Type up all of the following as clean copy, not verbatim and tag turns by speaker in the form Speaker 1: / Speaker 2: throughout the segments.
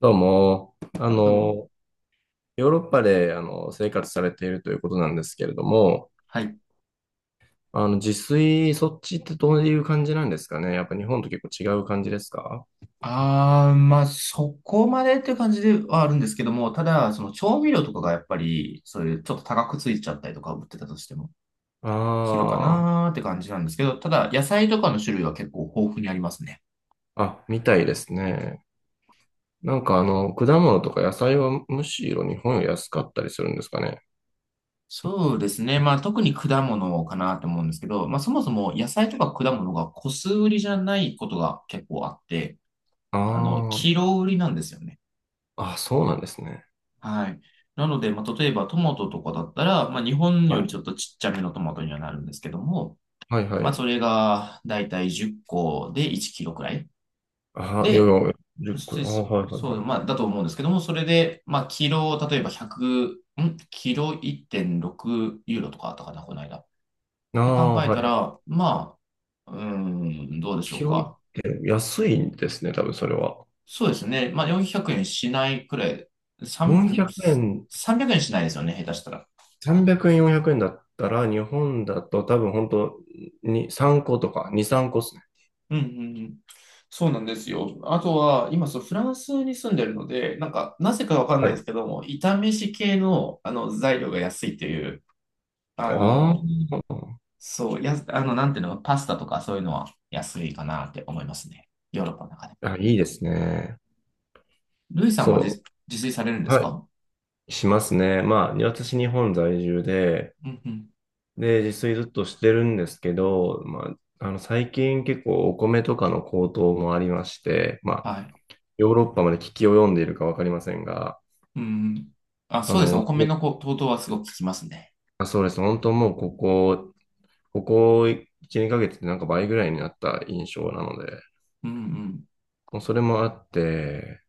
Speaker 1: どうも、
Speaker 2: あ、どうも。
Speaker 1: ヨーロッパで、生活されているということなんですけれども、
Speaker 2: はい。
Speaker 1: 自炊、そっちってどういう感じなんですかね？やっぱ日本と結構違う感じですか？
Speaker 2: ああ、まあ、そこまでっていう感じではあるんですけども、ただ、その調味料とかがやっぱり、そういうちょっと高くついちゃったりとか、売ってたとしても、するか
Speaker 1: ああー、
Speaker 2: なーって感じなんですけど、ただ、野菜とかの種類は結構豊富にありますね。
Speaker 1: あ、みたいですね。なんか果物とか野菜はむしろ日本より安かったりするんですかね？
Speaker 2: そうですね。まあ、特に果物かなと思うんですけど、まあ、そもそも野菜とか果物が個数売りじゃないことが結構あって、キ
Speaker 1: あ
Speaker 2: ロ売りなんですよね。
Speaker 1: あ、あ、そうなんですね。
Speaker 2: はい。なので、まあ、例えばトマトとかだったら、まあ、日本よ
Speaker 1: は
Speaker 2: りち
Speaker 1: い。
Speaker 2: ょっとちっちゃめのトマトにはなるんですけども、
Speaker 1: はいは
Speaker 2: まあ、そ
Speaker 1: い。
Speaker 2: れがだいたい10個で1キロくらい。
Speaker 1: ああ、いやい
Speaker 2: で、
Speaker 1: や、10個。
Speaker 2: そ
Speaker 1: ああ、はいはい
Speaker 2: そう、
Speaker 1: はい。
Speaker 2: まあ、だと思うんですけども、それで、まあ、キロ、例えば100、キロ1.6ユーロとかあったかな、この間。
Speaker 1: ああ、いや
Speaker 2: で考
Speaker 1: いや個、
Speaker 2: え
Speaker 1: ああ、
Speaker 2: た
Speaker 1: はい。
Speaker 2: ら、まあ、うーん、どうでしょ
Speaker 1: キ
Speaker 2: う
Speaker 1: ロいっ
Speaker 2: か。
Speaker 1: て安いんですね、多分それは。
Speaker 2: そうですね。まあ、400円しないくらい、3、
Speaker 1: 400円、
Speaker 2: ん ?300 円しないですよね、下手したら。
Speaker 1: 300円、400円だったら、日本だと多分本当に3個とか、2、3個ですね。
Speaker 2: うんうんうん。そうなんですよ。あとは、今、そう、フランスに住んでるので、なんか、なぜかわかんな
Speaker 1: は
Speaker 2: いで
Speaker 1: い。
Speaker 2: すけども、炒め飯系の、材料が安いっていう、
Speaker 1: あ
Speaker 2: あの、
Speaker 1: ー
Speaker 2: そう、やあの、なんていうの、パスタとかそういうのは安いかなって思いますね。ヨーロッパの中で。
Speaker 1: あ、いいですね。
Speaker 2: ルイさんは自、
Speaker 1: そ
Speaker 2: 自炊されるんで
Speaker 1: う。
Speaker 2: す
Speaker 1: は
Speaker 2: か？
Speaker 1: い。しますね。まあ、私日本在住で、
Speaker 2: うんうん。
Speaker 1: で、自炊ずっとしてるんですけど、まあ、最近結構お米とかの高騰もありまして、まあ、
Speaker 2: はい。
Speaker 1: ヨーロッパまで危機を読んでいるかわかりませんが、
Speaker 2: うんうん。あ、
Speaker 1: あ
Speaker 2: そうですね。お
Speaker 1: の、
Speaker 2: 米の高騰はすごく効きますね。
Speaker 1: あ、そうです。本当もうここ1、2ヶ月でなんか倍ぐらいになった印象なので、
Speaker 2: うんうん。
Speaker 1: もうそれもあって、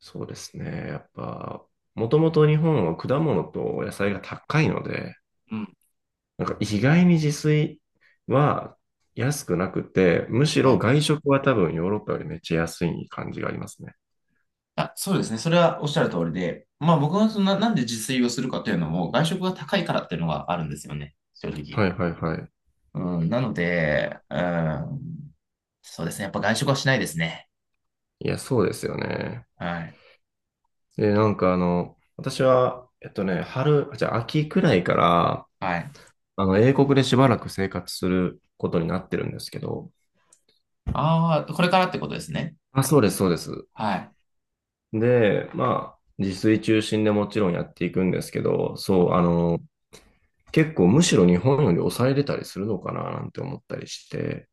Speaker 1: そうですね。やっぱ、もともと日本は果物と野菜が高いので、
Speaker 2: うん。
Speaker 1: なんか意外に自炊は安くなくて、むし
Speaker 2: は
Speaker 1: ろ
Speaker 2: い。
Speaker 1: 外食は多分ヨーロッパよりめっちゃ安い感じがありますね。
Speaker 2: あ、そうですね。それはおっしゃる通りで、まあ僕はそんな、なんで自炊をするかというのも、外食が高いからっていうのがあるんですよね。正直。
Speaker 1: はいはいはい。
Speaker 2: うん、なので、うん、そうですね。やっぱ外食はしないですね。
Speaker 1: いや、そうですよね。
Speaker 2: はい。
Speaker 1: で、なんか私は、春、じゃあ秋くらいから、
Speaker 2: はい。
Speaker 1: 英国でしばらく生活することになってるんですけど、
Speaker 2: ああ、これからってことですね。
Speaker 1: あ、そうです、そうです。
Speaker 2: はい。
Speaker 1: で、まあ、自炊中心でもちろんやっていくんですけど、そう、結構むしろ日本より抑えれたりするのかななんて思ったりして、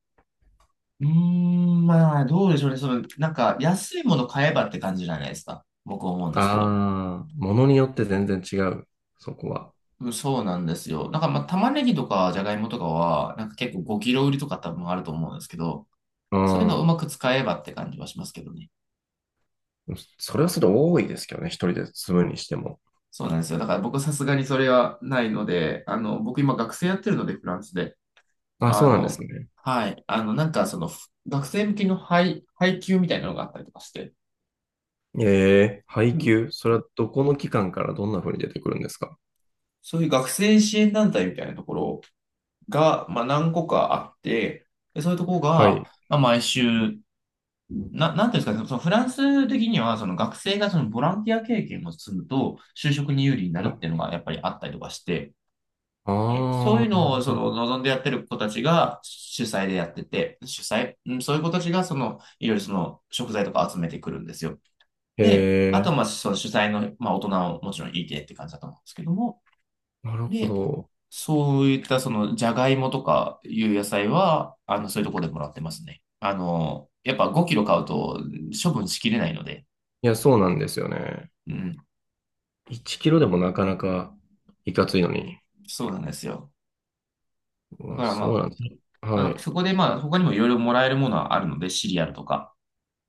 Speaker 2: うーん、まあ、どうでしょうね。その、なんか、安いもの買えばって感じじゃないですか。僕は思うんですけど。
Speaker 1: ああ、ものによって全然違う、そこは。
Speaker 2: うんそうなんですよ。なんか、まあ、玉ねぎとか、じゃがいもとかは、なんか結構5キロ売りとか多分あると思うんですけど、
Speaker 1: う
Speaker 2: そういうのをう
Speaker 1: ん。
Speaker 2: まく使えばって感じはしますけどね。
Speaker 1: それはそれで多いですけどね、一人で住むにしても。
Speaker 2: そうなんですよ。だから僕さすがにそれはないので、僕今学生やってるので、フランスで。
Speaker 1: あ、
Speaker 2: あ
Speaker 1: そうなんです
Speaker 2: の、
Speaker 1: ね。
Speaker 2: はい。なんかその、学生向けの配給みたいなのがあったりとかして、
Speaker 1: ええ、配
Speaker 2: うん
Speaker 1: 給、それはどこの期間からどんな風に出てくるんですか？
Speaker 2: そういう学生支援団体みたいなところが、まあ何個かあって、で、そういうところ
Speaker 1: は
Speaker 2: が、
Speaker 1: い。
Speaker 2: まあ毎週、なんていうんですかね、そのフランス的には、その学生がそのボランティア経験を積むと、就職に有利にな
Speaker 1: は
Speaker 2: る
Speaker 1: い。
Speaker 2: っていうのがやっぱりあったりとかして、でそういう
Speaker 1: ああ、なる
Speaker 2: のをそ
Speaker 1: ほど。
Speaker 2: の望んでやってる子たちが主催でやってて、うん、そういう子たちがそのいろいろその食材とか集めてくるんですよ。で、あとは
Speaker 1: ええ、
Speaker 2: まあその主催の、まあ、大人ももちろんいてって感じだと思うんですけども、
Speaker 1: なるほ
Speaker 2: で、
Speaker 1: ど。
Speaker 2: そういったそのじゃがいもとかいう野菜は、そういうところでもらってますね。やっぱ5キロ買うと処分しきれないので、
Speaker 1: いや、そうなんですよね。
Speaker 2: うん、
Speaker 1: 1キロでもなかなかいかついのに。
Speaker 2: そうなんですよ。
Speaker 1: う
Speaker 2: だか
Speaker 1: わ、
Speaker 2: ら
Speaker 1: そう
Speaker 2: ま
Speaker 1: なんですね。
Speaker 2: だ
Speaker 1: は
Speaker 2: から
Speaker 1: い。
Speaker 2: そこでまあ他にもいろいろもらえるものはあるので、シリアルとか。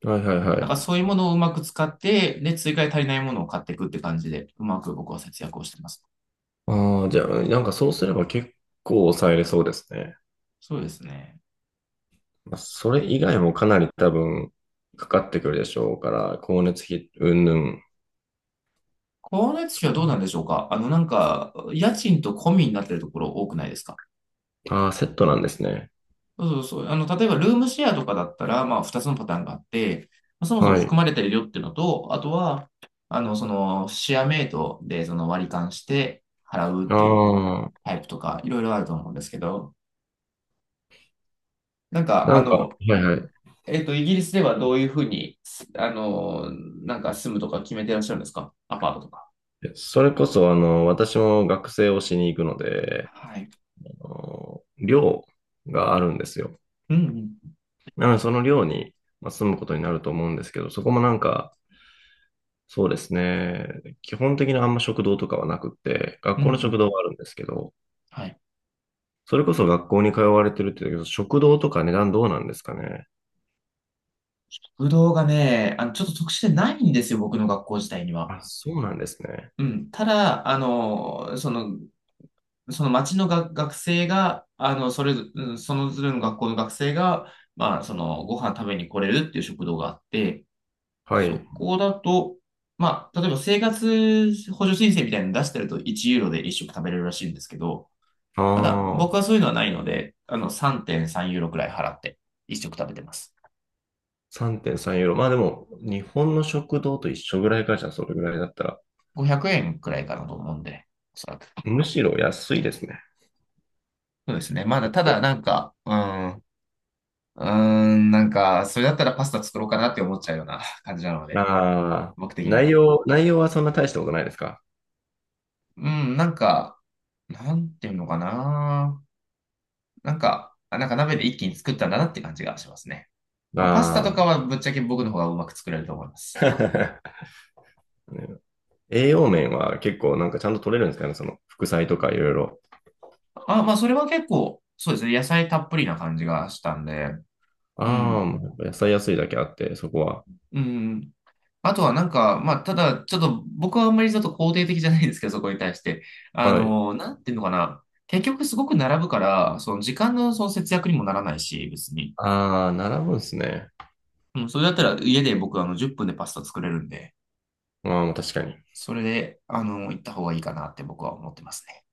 Speaker 1: はいはいは
Speaker 2: なん
Speaker 1: い。
Speaker 2: かそういうものをうまく使って、で、追加で足りないものを買っていくって感じで、うまく僕は節約をしてます。
Speaker 1: ああ、じゃあ、なんかそうすれば結構抑えれそうですね。
Speaker 2: そうですね。
Speaker 1: まあ、それ以外もかなり多分かかってくるでしょうから、光熱費云々。
Speaker 2: 光熱費はどうなんでしょうか？なんか、家賃と込みになってるところ多くないですか？
Speaker 1: ああ、セットなんですね。
Speaker 2: そうそうそう。例えばルームシェアとかだったら、まあ、二つのパターンがあって、まあそもそも
Speaker 1: は
Speaker 2: 含ま
Speaker 1: い。
Speaker 2: れてるよっていうのと、あとは、その、シェアメイトで、その割り勘して払うっていう
Speaker 1: ああ、
Speaker 2: タイプとか、いろいろあると思うんですけど、なんか、
Speaker 1: なんか、はいはい。
Speaker 2: イギリスではどういうふうに、すあの、なんか住むとか決めてらっしゃるんですか？アパートとか。
Speaker 1: それこそ、私も学生をしに行くので、
Speaker 2: はい。
Speaker 1: あの寮があるんですよ。
Speaker 2: うんうん。
Speaker 1: なので、その寮に、まあ、住むことになると思うんですけど、そこもなんか、そうですね、基本的にあんま食堂とかはなくって、
Speaker 2: う
Speaker 1: 学
Speaker 2: んう
Speaker 1: 校の食
Speaker 2: ん。
Speaker 1: 堂はあるんですけど、
Speaker 2: はい。
Speaker 1: それこそ学校に通われてるって言うけど、食堂とか値段どうなんですかね？
Speaker 2: ぶどうがね、ちょっと特殊でないんですよ、僕の学校自体には。
Speaker 1: あ、そうなんですね。
Speaker 2: うん。ただ、その町のが学生が、あの、それぞ、うんそのずれの学校の学生が、まあ、その、ご飯食べに来れるっていう食堂があって、
Speaker 1: はい。
Speaker 2: そこだと、まあ、例えば生活補助申請みたいなの出してると1ユーロで1食食べれるらしいんですけど、ただ、
Speaker 1: あ
Speaker 2: 僕
Speaker 1: あ、
Speaker 2: はそういうのはないので、3.3ユーロくらい払って、一食食べてます。
Speaker 1: 3.3ユーロ。まあでも、日本の食堂と一緒ぐらいかじゃあ、それぐらいだったら、
Speaker 2: 500円くえんくらいかなと思うんで、おそらく。
Speaker 1: むしろ安いですね。
Speaker 2: そうですね。まだ、
Speaker 1: だ
Speaker 2: た
Speaker 1: と。
Speaker 2: だ、なんか、ん、うーなんか、それだったらパスタ作ろうかなって思っちゃうような 感じなので、
Speaker 1: ああ、
Speaker 2: 僕的に
Speaker 1: 内
Speaker 2: はね。
Speaker 1: 容、内容はそんな大したことないですか？
Speaker 2: うん、なんか、なんていうのかな。なんか、なんか鍋で一気に作ったんだなって感じがしますね。まあ、パスタと
Speaker 1: あ
Speaker 2: かはぶっちゃけ僕の方がうまく作れると思いま
Speaker 1: あ
Speaker 2: す。
Speaker 1: ー。栄養面は結構なんかちゃんと取れるんですかね、その副菜とかいろいろ。
Speaker 2: あ、まあ、それは結構、そうですね。野菜たっぷりな感じがしたんで、う
Speaker 1: ああ、
Speaker 2: ん。
Speaker 1: もうやっぱ野菜安いだけあって、そこは。
Speaker 2: うん。あとはなんか、まあ、ただ、ちょっと僕はあんまりちょっと肯定的じゃないんですけど、そこに対して。
Speaker 1: はい。
Speaker 2: なんていうのかな。結局すごく並ぶから、その時間のその節約にもならないし、別に。
Speaker 1: ああ、並ぶんですね。
Speaker 2: うん、それだったら家で僕10分でパスタ作れるんで、
Speaker 1: ああ、確かに。
Speaker 2: それで、行った方がいいかなって僕は思ってますね。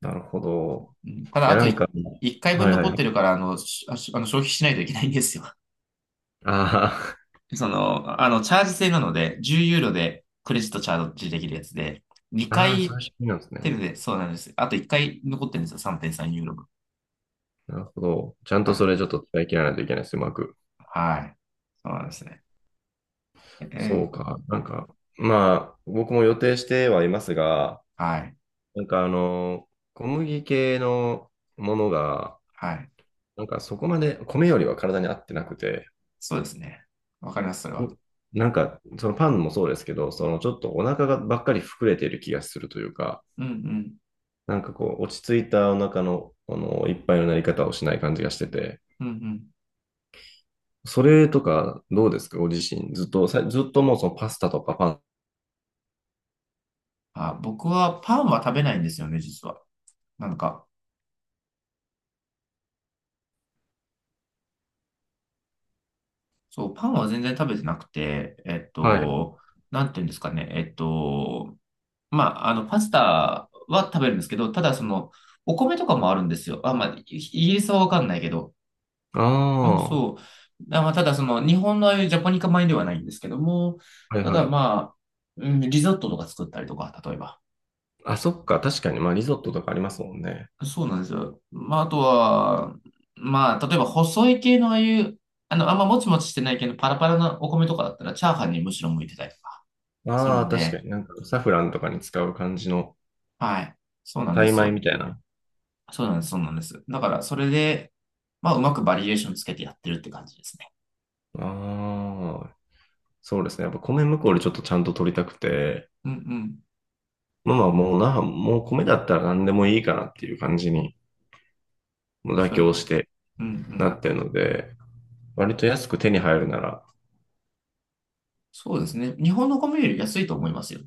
Speaker 1: なるほど。
Speaker 2: うん、た
Speaker 1: い
Speaker 2: だ、あ
Speaker 1: や、な
Speaker 2: と
Speaker 1: んか、
Speaker 2: 1回分
Speaker 1: はいはい
Speaker 2: 残
Speaker 1: は
Speaker 2: ってる
Speaker 1: い。
Speaker 2: から、あの、しあしあの消費しないといけないんですよ。
Speaker 1: あ
Speaker 2: その、チャージ制なので、10ユーロでクレジットチャージできるやつで、
Speaker 1: あ、
Speaker 2: 2
Speaker 1: ああ、そうい
Speaker 2: 回
Speaker 1: う仕組みなんです
Speaker 2: テル
Speaker 1: ね。
Speaker 2: で、そうなんです。あと1回残ってるんですよ、3.3ユーロ分。
Speaker 1: なるほど。ちゃん
Speaker 2: は
Speaker 1: と
Speaker 2: い。
Speaker 1: それちょっと使い切らないといけないです、うまく。
Speaker 2: はい。そうなんですね。
Speaker 1: そう
Speaker 2: ええ
Speaker 1: か。なんか、まあ、僕も予定してはいますが、
Speaker 2: はい。
Speaker 1: なんか小麦系のものが、
Speaker 2: はい。
Speaker 1: なんかそこまで、米よりは体に合ってなくて、
Speaker 2: そうですね。わかります、それは。
Speaker 1: なんか、そのパンもそうですけど、そのちょっとお腹がばっかり膨れてる気がするというか、
Speaker 2: うんうん。
Speaker 1: なんかこう、落ち着いたお腹の、いっぱいのなり方をしない感じがしてて、
Speaker 2: うんうん。
Speaker 1: それとかどうですかご自身。ずっともうそのパスタとかパン。
Speaker 2: あ、僕はパンは食べないんですよね、実は。なんか、そう、パンは全然食べてなくて、
Speaker 1: はい。
Speaker 2: なんていうんですかね、まあ、パスタは食べるんですけど、ただその、お米とかもあるんですよ。あ、まあ、イギリスはわかんないけど。
Speaker 1: あ
Speaker 2: う
Speaker 1: あ、
Speaker 2: ん、
Speaker 1: は
Speaker 2: そう。ただその、日本のああいうジャポニカ米ではないんですけども、
Speaker 1: い
Speaker 2: た
Speaker 1: は
Speaker 2: だ
Speaker 1: い。
Speaker 2: まあ、うん、リゾットとか作ったりとか、例えば。
Speaker 1: あ、そっか、確かに、まあリゾットとかありますもんね。
Speaker 2: そうなんですよ。まあ、あとは、まあ、例えば細い系のああいう、あんまもちもちしてない系のパラパラなお米とかだったら、チャーハンにむしろ向いてたりとかする
Speaker 1: ああ、
Speaker 2: ん
Speaker 1: 確か
Speaker 2: で、
Speaker 1: になんかサフランとかに使う感じの
Speaker 2: はい。そうなん
Speaker 1: タ
Speaker 2: で
Speaker 1: イ
Speaker 2: す
Speaker 1: 米み
Speaker 2: よ。
Speaker 1: たいな。
Speaker 2: そうなんです、そうなんです。だから、それで、まあ、うまくバリエーションつけてやってるって感じですね。
Speaker 1: ああ、そうですね。やっぱ米向こうでちょっとちゃんと取りたくて、
Speaker 2: うんうん。
Speaker 1: まあまあもう米だったら何でもいいかなっていう感じに、もう妥
Speaker 2: そうです
Speaker 1: 協し
Speaker 2: ね。
Speaker 1: て
Speaker 2: うんう
Speaker 1: な
Speaker 2: ん。
Speaker 1: ってるので、割と安く手に入るなら、
Speaker 2: そうですね。日本の米より安いと思いますよ。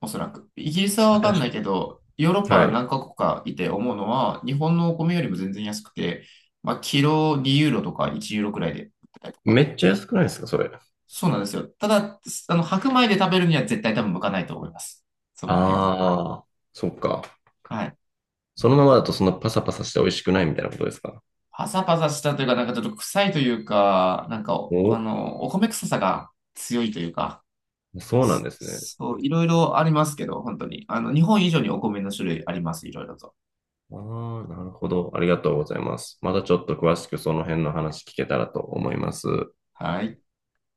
Speaker 2: おそらく。イギリスはわ
Speaker 1: 確
Speaker 2: かん
Speaker 1: か
Speaker 2: ない
Speaker 1: に。
Speaker 2: けど、ヨーロッ
Speaker 1: は
Speaker 2: パ
Speaker 1: い。
Speaker 2: 何カ国かいて思うのは、日本のお米よりも全然安くて、まあ、キロ2ユーロとか1ユーロくらいで売ってたりと
Speaker 1: め
Speaker 2: か。
Speaker 1: っちゃ安くないですか、それ。あ
Speaker 2: そうなんですよ。ただ、白米で食べるには絶対多分向かないと思います。そこら辺は。
Speaker 1: あ、そっか。
Speaker 2: はい。
Speaker 1: そのままだとそんなパサパサして美味しくないみたいなことですか？
Speaker 2: パサパサしたというか、なんかちょっと臭いというか、なんか、
Speaker 1: お、
Speaker 2: お米臭さが強いというか、
Speaker 1: そうなんですね。
Speaker 2: そう、いろいろありますけど、本当に。日本以上にお米の種類あります、いろいろと。
Speaker 1: ああ、なるほど。ありがとうございます。またちょっと詳しくその辺の話聞けたらと思います。
Speaker 2: はい。